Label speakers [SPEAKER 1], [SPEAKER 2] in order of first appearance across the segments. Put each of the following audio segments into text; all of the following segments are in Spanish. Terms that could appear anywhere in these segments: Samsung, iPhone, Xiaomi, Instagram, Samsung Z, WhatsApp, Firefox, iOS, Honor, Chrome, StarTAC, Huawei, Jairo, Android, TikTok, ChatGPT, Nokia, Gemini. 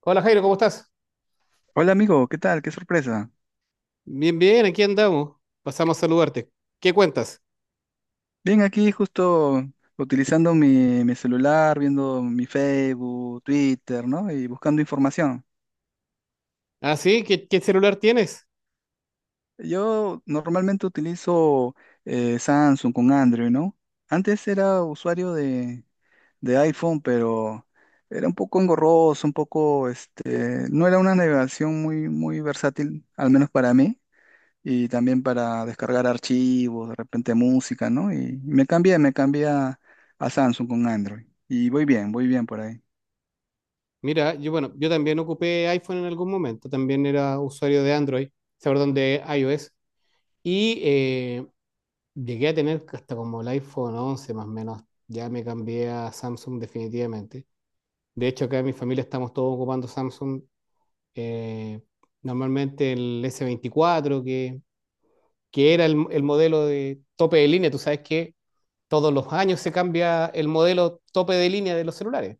[SPEAKER 1] Hola Jairo, ¿cómo estás?
[SPEAKER 2] Hola amigo, ¿qué tal? Qué sorpresa.
[SPEAKER 1] Bien, bien, aquí andamos. Pasamos a saludarte. ¿Qué cuentas?
[SPEAKER 2] Bien, aquí justo utilizando mi celular, viendo mi Facebook, Twitter, ¿no? Y buscando información.
[SPEAKER 1] Ah, sí, ¿¿qué celular tienes?
[SPEAKER 2] Yo normalmente utilizo Samsung con Android, ¿no? Antes era usuario de iPhone, pero era un poco engorroso, un poco, este, no era una navegación muy versátil, al menos para mí. Y también para descargar archivos, de repente música, ¿no? Y me cambié a Samsung con Android. Y voy bien por ahí.
[SPEAKER 1] Mira, yo bueno, yo también ocupé iPhone en algún momento, también era usuario de Android, o sea, perdón, de iOS, y llegué a tener hasta como el iPhone 11 más o menos. Ya me cambié a Samsung definitivamente. De hecho, acá en mi familia estamos todos ocupando Samsung, eh, normalmente el S24 que era el modelo de tope de línea. Tú sabes que todos los años se cambia el modelo tope de línea de los celulares.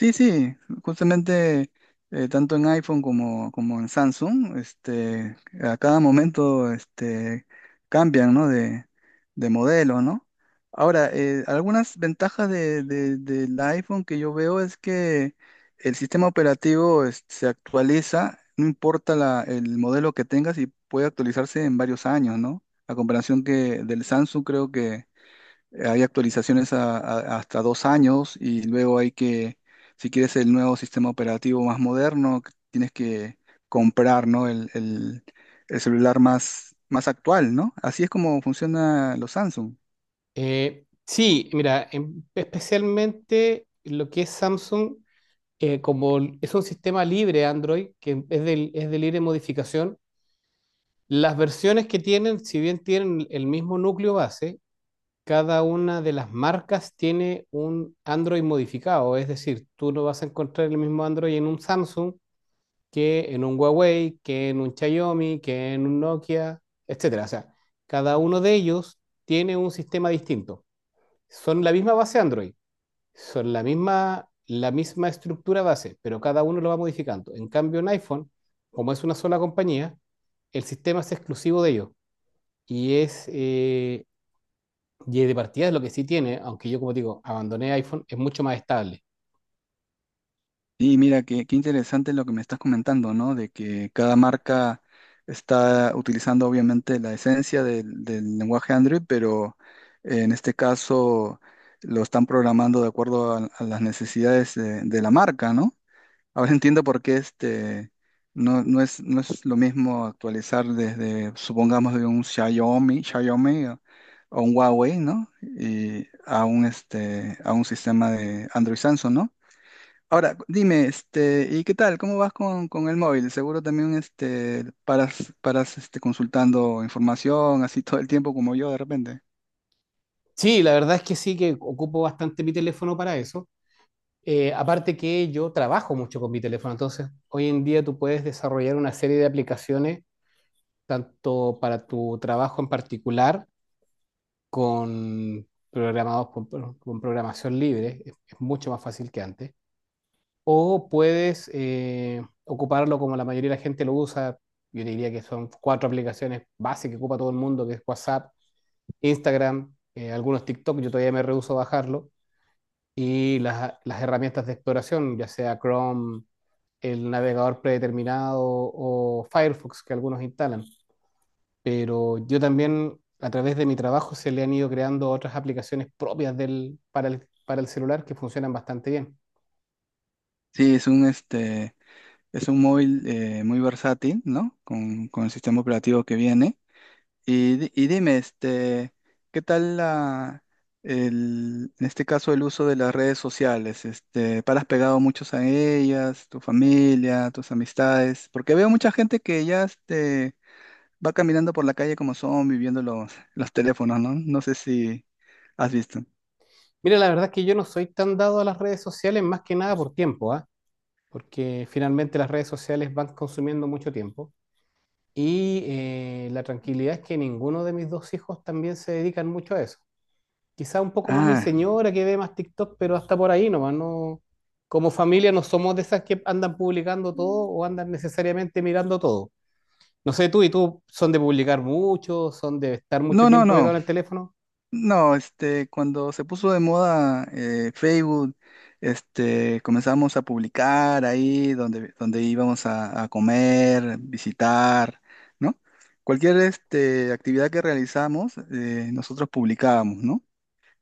[SPEAKER 2] Sí, sí, justamente tanto en iPhone como en Samsung, este, a cada momento este, cambian, ¿no? De modelo, ¿no? Ahora, algunas ventajas del iPhone que yo veo es que el sistema operativo se actualiza, no importa el modelo que tengas y puede actualizarse en varios años, ¿no? A comparación que del Samsung creo hay actualizaciones hasta dos años y luego hay que, si quieres el nuevo sistema operativo más moderno, que tienes que comprar, ¿no? El celular más actual, ¿no? Así es como funciona los Samsung.
[SPEAKER 1] Sí, mira, especialmente lo que es Samsung, como es un sistema libre Android, que es es de libre modificación, las versiones que tienen, si bien tienen el mismo núcleo base, cada una de las marcas tiene un Android modificado. Es decir, tú no vas a encontrar el mismo Android en un Samsung, que en un Huawei, que en un Xiaomi, que en un Nokia, etcétera. O sea, cada uno de ellos tiene un sistema distinto. Son la misma base Android, son la misma estructura base, pero cada uno lo va modificando. En cambio, en iPhone, como es una sola compañía, el sistema es exclusivo de ellos y es y de partida es lo que sí tiene, aunque yo, como digo, abandoné iPhone, es mucho más estable.
[SPEAKER 2] Y mira, qué interesante lo que me estás comentando, ¿no? De que cada marca está utilizando obviamente la esencia del lenguaje Android, pero en este caso lo están programando de acuerdo a las necesidades de la marca, ¿no? Ahora entiendo por qué este no es, no es lo mismo actualizar desde, supongamos, de un Xiaomi, Xiaomi o un Huawei, ¿no? Y a un este, a un sistema de Android Samsung, ¿no? Ahora, dime, este, ¿y qué tal? ¿Cómo vas con el móvil? Seguro también este paras este, consultando información así todo el tiempo como yo de repente.
[SPEAKER 1] Sí, la verdad es que sí que ocupo bastante mi teléfono para eso. Aparte que yo trabajo mucho con mi teléfono, entonces hoy en día tú puedes desarrollar una serie de aplicaciones, tanto para tu trabajo en particular, con con programación libre, es mucho más fácil que antes, o puedes ocuparlo como la mayoría de la gente lo usa. Yo te diría que son 4 aplicaciones básicas que ocupa todo el mundo, que es WhatsApp, Instagram, algunos TikTok, yo todavía me rehúso a bajarlo, y las herramientas de exploración, ya sea Chrome, el navegador predeterminado, o Firefox que algunos instalan. Pero yo también, a través de mi trabajo, se le han ido creando otras aplicaciones propias para para el celular, que funcionan bastante bien.
[SPEAKER 2] Sí, es un este, es un móvil muy versátil, ¿no? Con el sistema operativo que viene. Y, y dime, este, ¿qué tal la, el, en este caso el uso de las redes sociales? Este, ¿para ¿has pegado muchos a ellas, tu familia, tus amistades? Porque veo mucha gente que ya este, va caminando por la calle como son, viviendo los teléfonos, ¿no? No sé si has visto.
[SPEAKER 1] Mira, la verdad es que yo no soy tan dado a las redes sociales más que nada por tiempo, ¿ah? Porque finalmente las redes sociales van consumiendo mucho tiempo. Y la tranquilidad es que ninguno de mis 2 hijos también se dedican mucho a eso. Quizá un poco más mi
[SPEAKER 2] Ah,
[SPEAKER 1] señora, que ve más TikTok, pero hasta por ahí nomás, no. Como familia no somos de esas que andan publicando todo o andan necesariamente mirando todo. No sé, tú y tú son de publicar mucho, son de estar mucho
[SPEAKER 2] no, no,
[SPEAKER 1] tiempo
[SPEAKER 2] no.
[SPEAKER 1] pegado en el teléfono.
[SPEAKER 2] No, este, cuando se puso de moda Facebook, este, comenzamos a publicar ahí donde, donde íbamos a comer, visitar, ¿no? Cualquier este, actividad que realizamos, nosotros publicábamos, ¿no?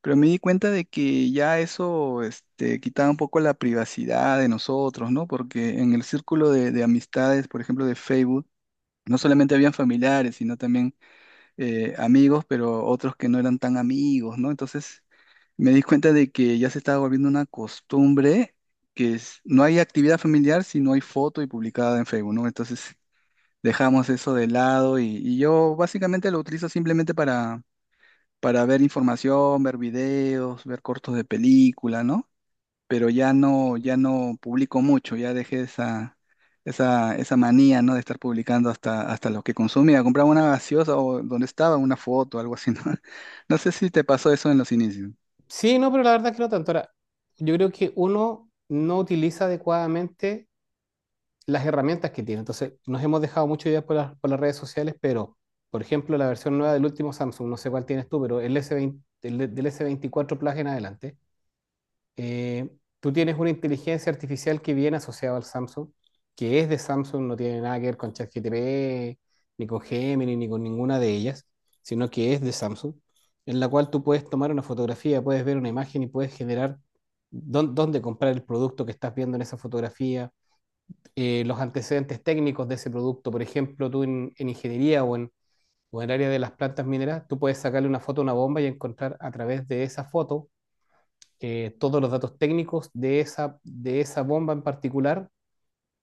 [SPEAKER 2] Pero me di cuenta de que ya eso este, quitaba un poco la privacidad de nosotros, ¿no? Porque en el círculo de amistades, por ejemplo, de Facebook, no solamente habían familiares, sino también amigos, pero otros que no eran tan amigos, ¿no? Entonces me di cuenta de que ya se estaba volviendo una costumbre que no hay actividad familiar si no hay foto y publicada en Facebook, ¿no? Entonces dejamos eso de lado y yo básicamente lo utilizo simplemente para ver información, ver videos, ver cortos de película, ¿no? Pero ya no publico mucho, ya dejé esa manía, ¿no? De estar publicando hasta lo que consumía. Compraba una gaseosa o donde estaba una foto, algo así, ¿no? No sé si te pasó eso en los inicios.
[SPEAKER 1] Sí, no, pero la verdad es que no tanto. Ahora, yo creo que uno no utiliza adecuadamente las herramientas que tiene. Entonces, nos hemos dejado mucho ya por por las redes sociales, pero, por ejemplo, la versión nueva del último Samsung, no sé cuál tienes tú, pero el s veinte el- del S24 Plus en adelante. Eh, Tú tienes una inteligencia artificial que viene asociada al Samsung, que es de Samsung, no tiene nada que ver con ChatGPT, ni con Gemini, ni con ninguna de ellas, sino que es de Samsung, en la cual tú puedes tomar una fotografía, puedes ver una imagen y puedes generar dónde comprar el producto que estás viendo en esa fotografía, los antecedentes técnicos de ese producto. Por ejemplo, tú en ingeniería o en el área de las plantas mineras, tú puedes sacarle una foto a una bomba y encontrar a través de esa foto todos los datos técnicos de de esa bomba en particular,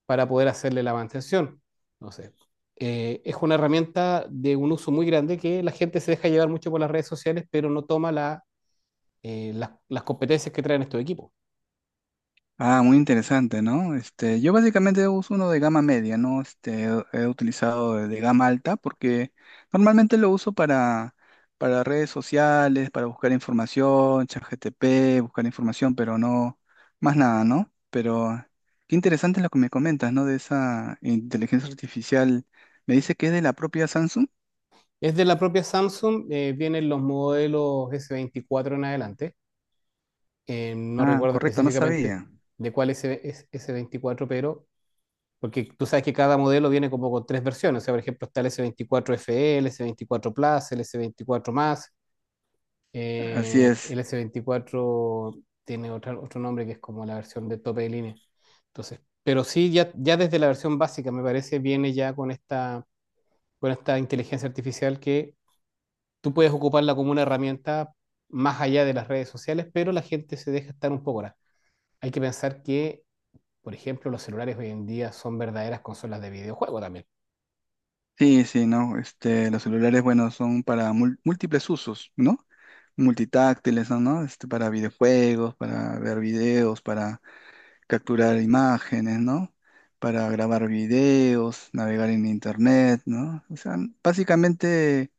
[SPEAKER 1] para poder hacerle la mantención. Entonces, es una herramienta de un uso muy grande, que la gente se deja llevar mucho por las redes sociales, pero no toma la, las competencias que traen estos equipos.
[SPEAKER 2] Ah, muy interesante, ¿no? Este, yo básicamente uso uno de gama media, ¿no? Este, he utilizado de gama alta porque normalmente lo uso para redes sociales, para buscar información, ChatGPT, buscar información, pero no, más nada, ¿no? Pero qué interesante lo que me comentas, ¿no? De esa inteligencia artificial. Me dice que es de la propia Samsung.
[SPEAKER 1] Es de la propia Samsung. Eh, vienen los modelos S24 en adelante. No
[SPEAKER 2] Ah,
[SPEAKER 1] recuerdo
[SPEAKER 2] correcto, no
[SPEAKER 1] específicamente
[SPEAKER 2] sabía.
[SPEAKER 1] de cuál es ese 24, pero porque tú sabes que cada modelo viene como con tres versiones. O sea, por ejemplo, está el S24 FE, el S24 Plus, el S24 Más.
[SPEAKER 2] Así
[SPEAKER 1] Eh, el
[SPEAKER 2] es.
[SPEAKER 1] S24 tiene otro nombre, que es como la versión de tope de línea. Entonces, pero sí, ya desde la versión básica, me parece, viene ya con con esta inteligencia artificial, que tú puedes ocuparla como una herramienta más allá de las redes sociales, pero la gente se deja estar un poco ahora. Hay que pensar que, por ejemplo, los celulares hoy en día son verdaderas consolas de videojuego también.
[SPEAKER 2] Sí, sí, no. Este, los celulares, bueno, son para múltiples usos, ¿no? Multitáctiles, ¿no? ¿No? Este, para videojuegos, para ver videos, para capturar imágenes, ¿no? Para grabar videos, navegar en internet, ¿no? O sea, básicamente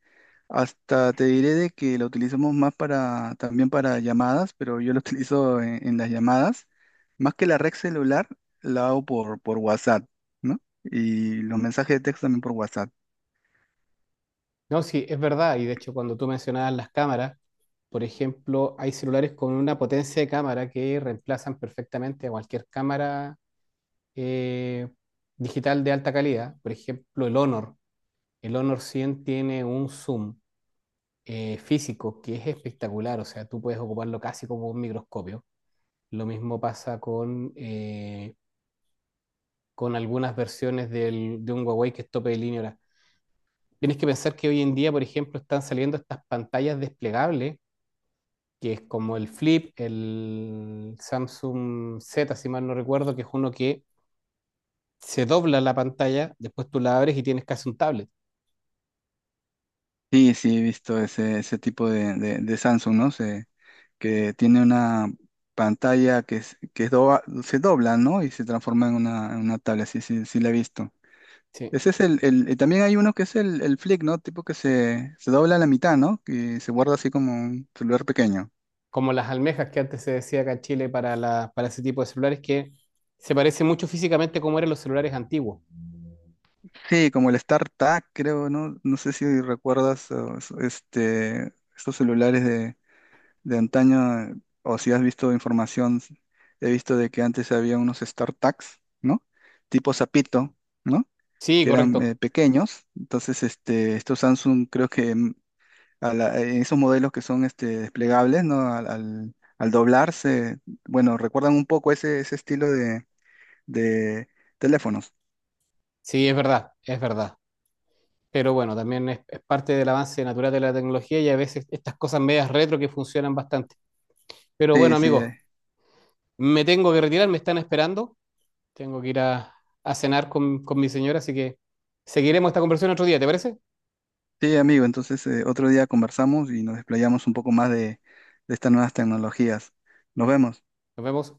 [SPEAKER 2] hasta te diré de que lo utilizamos más para, también para llamadas, pero yo lo utilizo en las llamadas. Más que la red celular, la hago por WhatsApp, ¿no? Y los mensajes de texto también por WhatsApp.
[SPEAKER 1] No, sí, es verdad. Y de hecho, cuando tú mencionabas las cámaras, por ejemplo, hay celulares con una potencia de cámara que reemplazan perfectamente a cualquier cámara eh, digital de alta calidad. Por ejemplo, el Honor. El Honor 100 tiene un zoom físico que es espectacular. O sea, tú puedes ocuparlo casi como un microscopio. Lo mismo pasa con algunas versiones de un Huawei que es tope de línea. Ahora, tienes que pensar que hoy en día, por ejemplo, están saliendo estas pantallas desplegables, que es como el Flip, el Samsung Z, si mal no recuerdo, que es uno que se dobla la pantalla, después tú la abres y tienes casi un tablet.
[SPEAKER 2] Sí, sí, he visto ese tipo de Samsung, ¿no? Se, que tiene una pantalla que, se dobla, ¿no? Y se transforma en una tablet, sí, sí, sí la he visto.
[SPEAKER 1] Sí.
[SPEAKER 2] Ese es y también hay uno que es el Flip, ¿no? Tipo que se dobla a la mitad, ¿no? Que se guarda así como un celular pequeño.
[SPEAKER 1] Como las almejas, que antes se decía acá en Chile para para ese tipo de celulares, que se parece mucho físicamente como eran los celulares antiguos.
[SPEAKER 2] Sí, como el StarTAC, creo, ¿no? No sé si recuerdas este, estos celulares de antaño, o si has visto información, he visto de que antes había unos StarTags, ¿no? Tipo sapito, ¿no?
[SPEAKER 1] Sí,
[SPEAKER 2] Que eran
[SPEAKER 1] correcto.
[SPEAKER 2] pequeños. Entonces, este, estos Samsung creo que en esos modelos que son este, desplegables, ¿no? Al doblarse, bueno, recuerdan un poco ese, ese estilo de teléfonos.
[SPEAKER 1] Sí, es verdad, es verdad. Pero bueno, también es parte del avance natural de la tecnología, y a veces estas cosas medias retro que funcionan bastante. Pero
[SPEAKER 2] Sí,
[SPEAKER 1] bueno,
[SPEAKER 2] sí,
[SPEAKER 1] amigos,
[SPEAKER 2] eh.
[SPEAKER 1] me tengo que retirar, me están esperando. Tengo que ir a cenar con mi señora, así que seguiremos esta conversación otro día, ¿te parece?
[SPEAKER 2] Sí, amigo. Entonces, otro día conversamos y nos desplayamos un poco más de estas nuevas tecnologías. Nos vemos.
[SPEAKER 1] Nos vemos.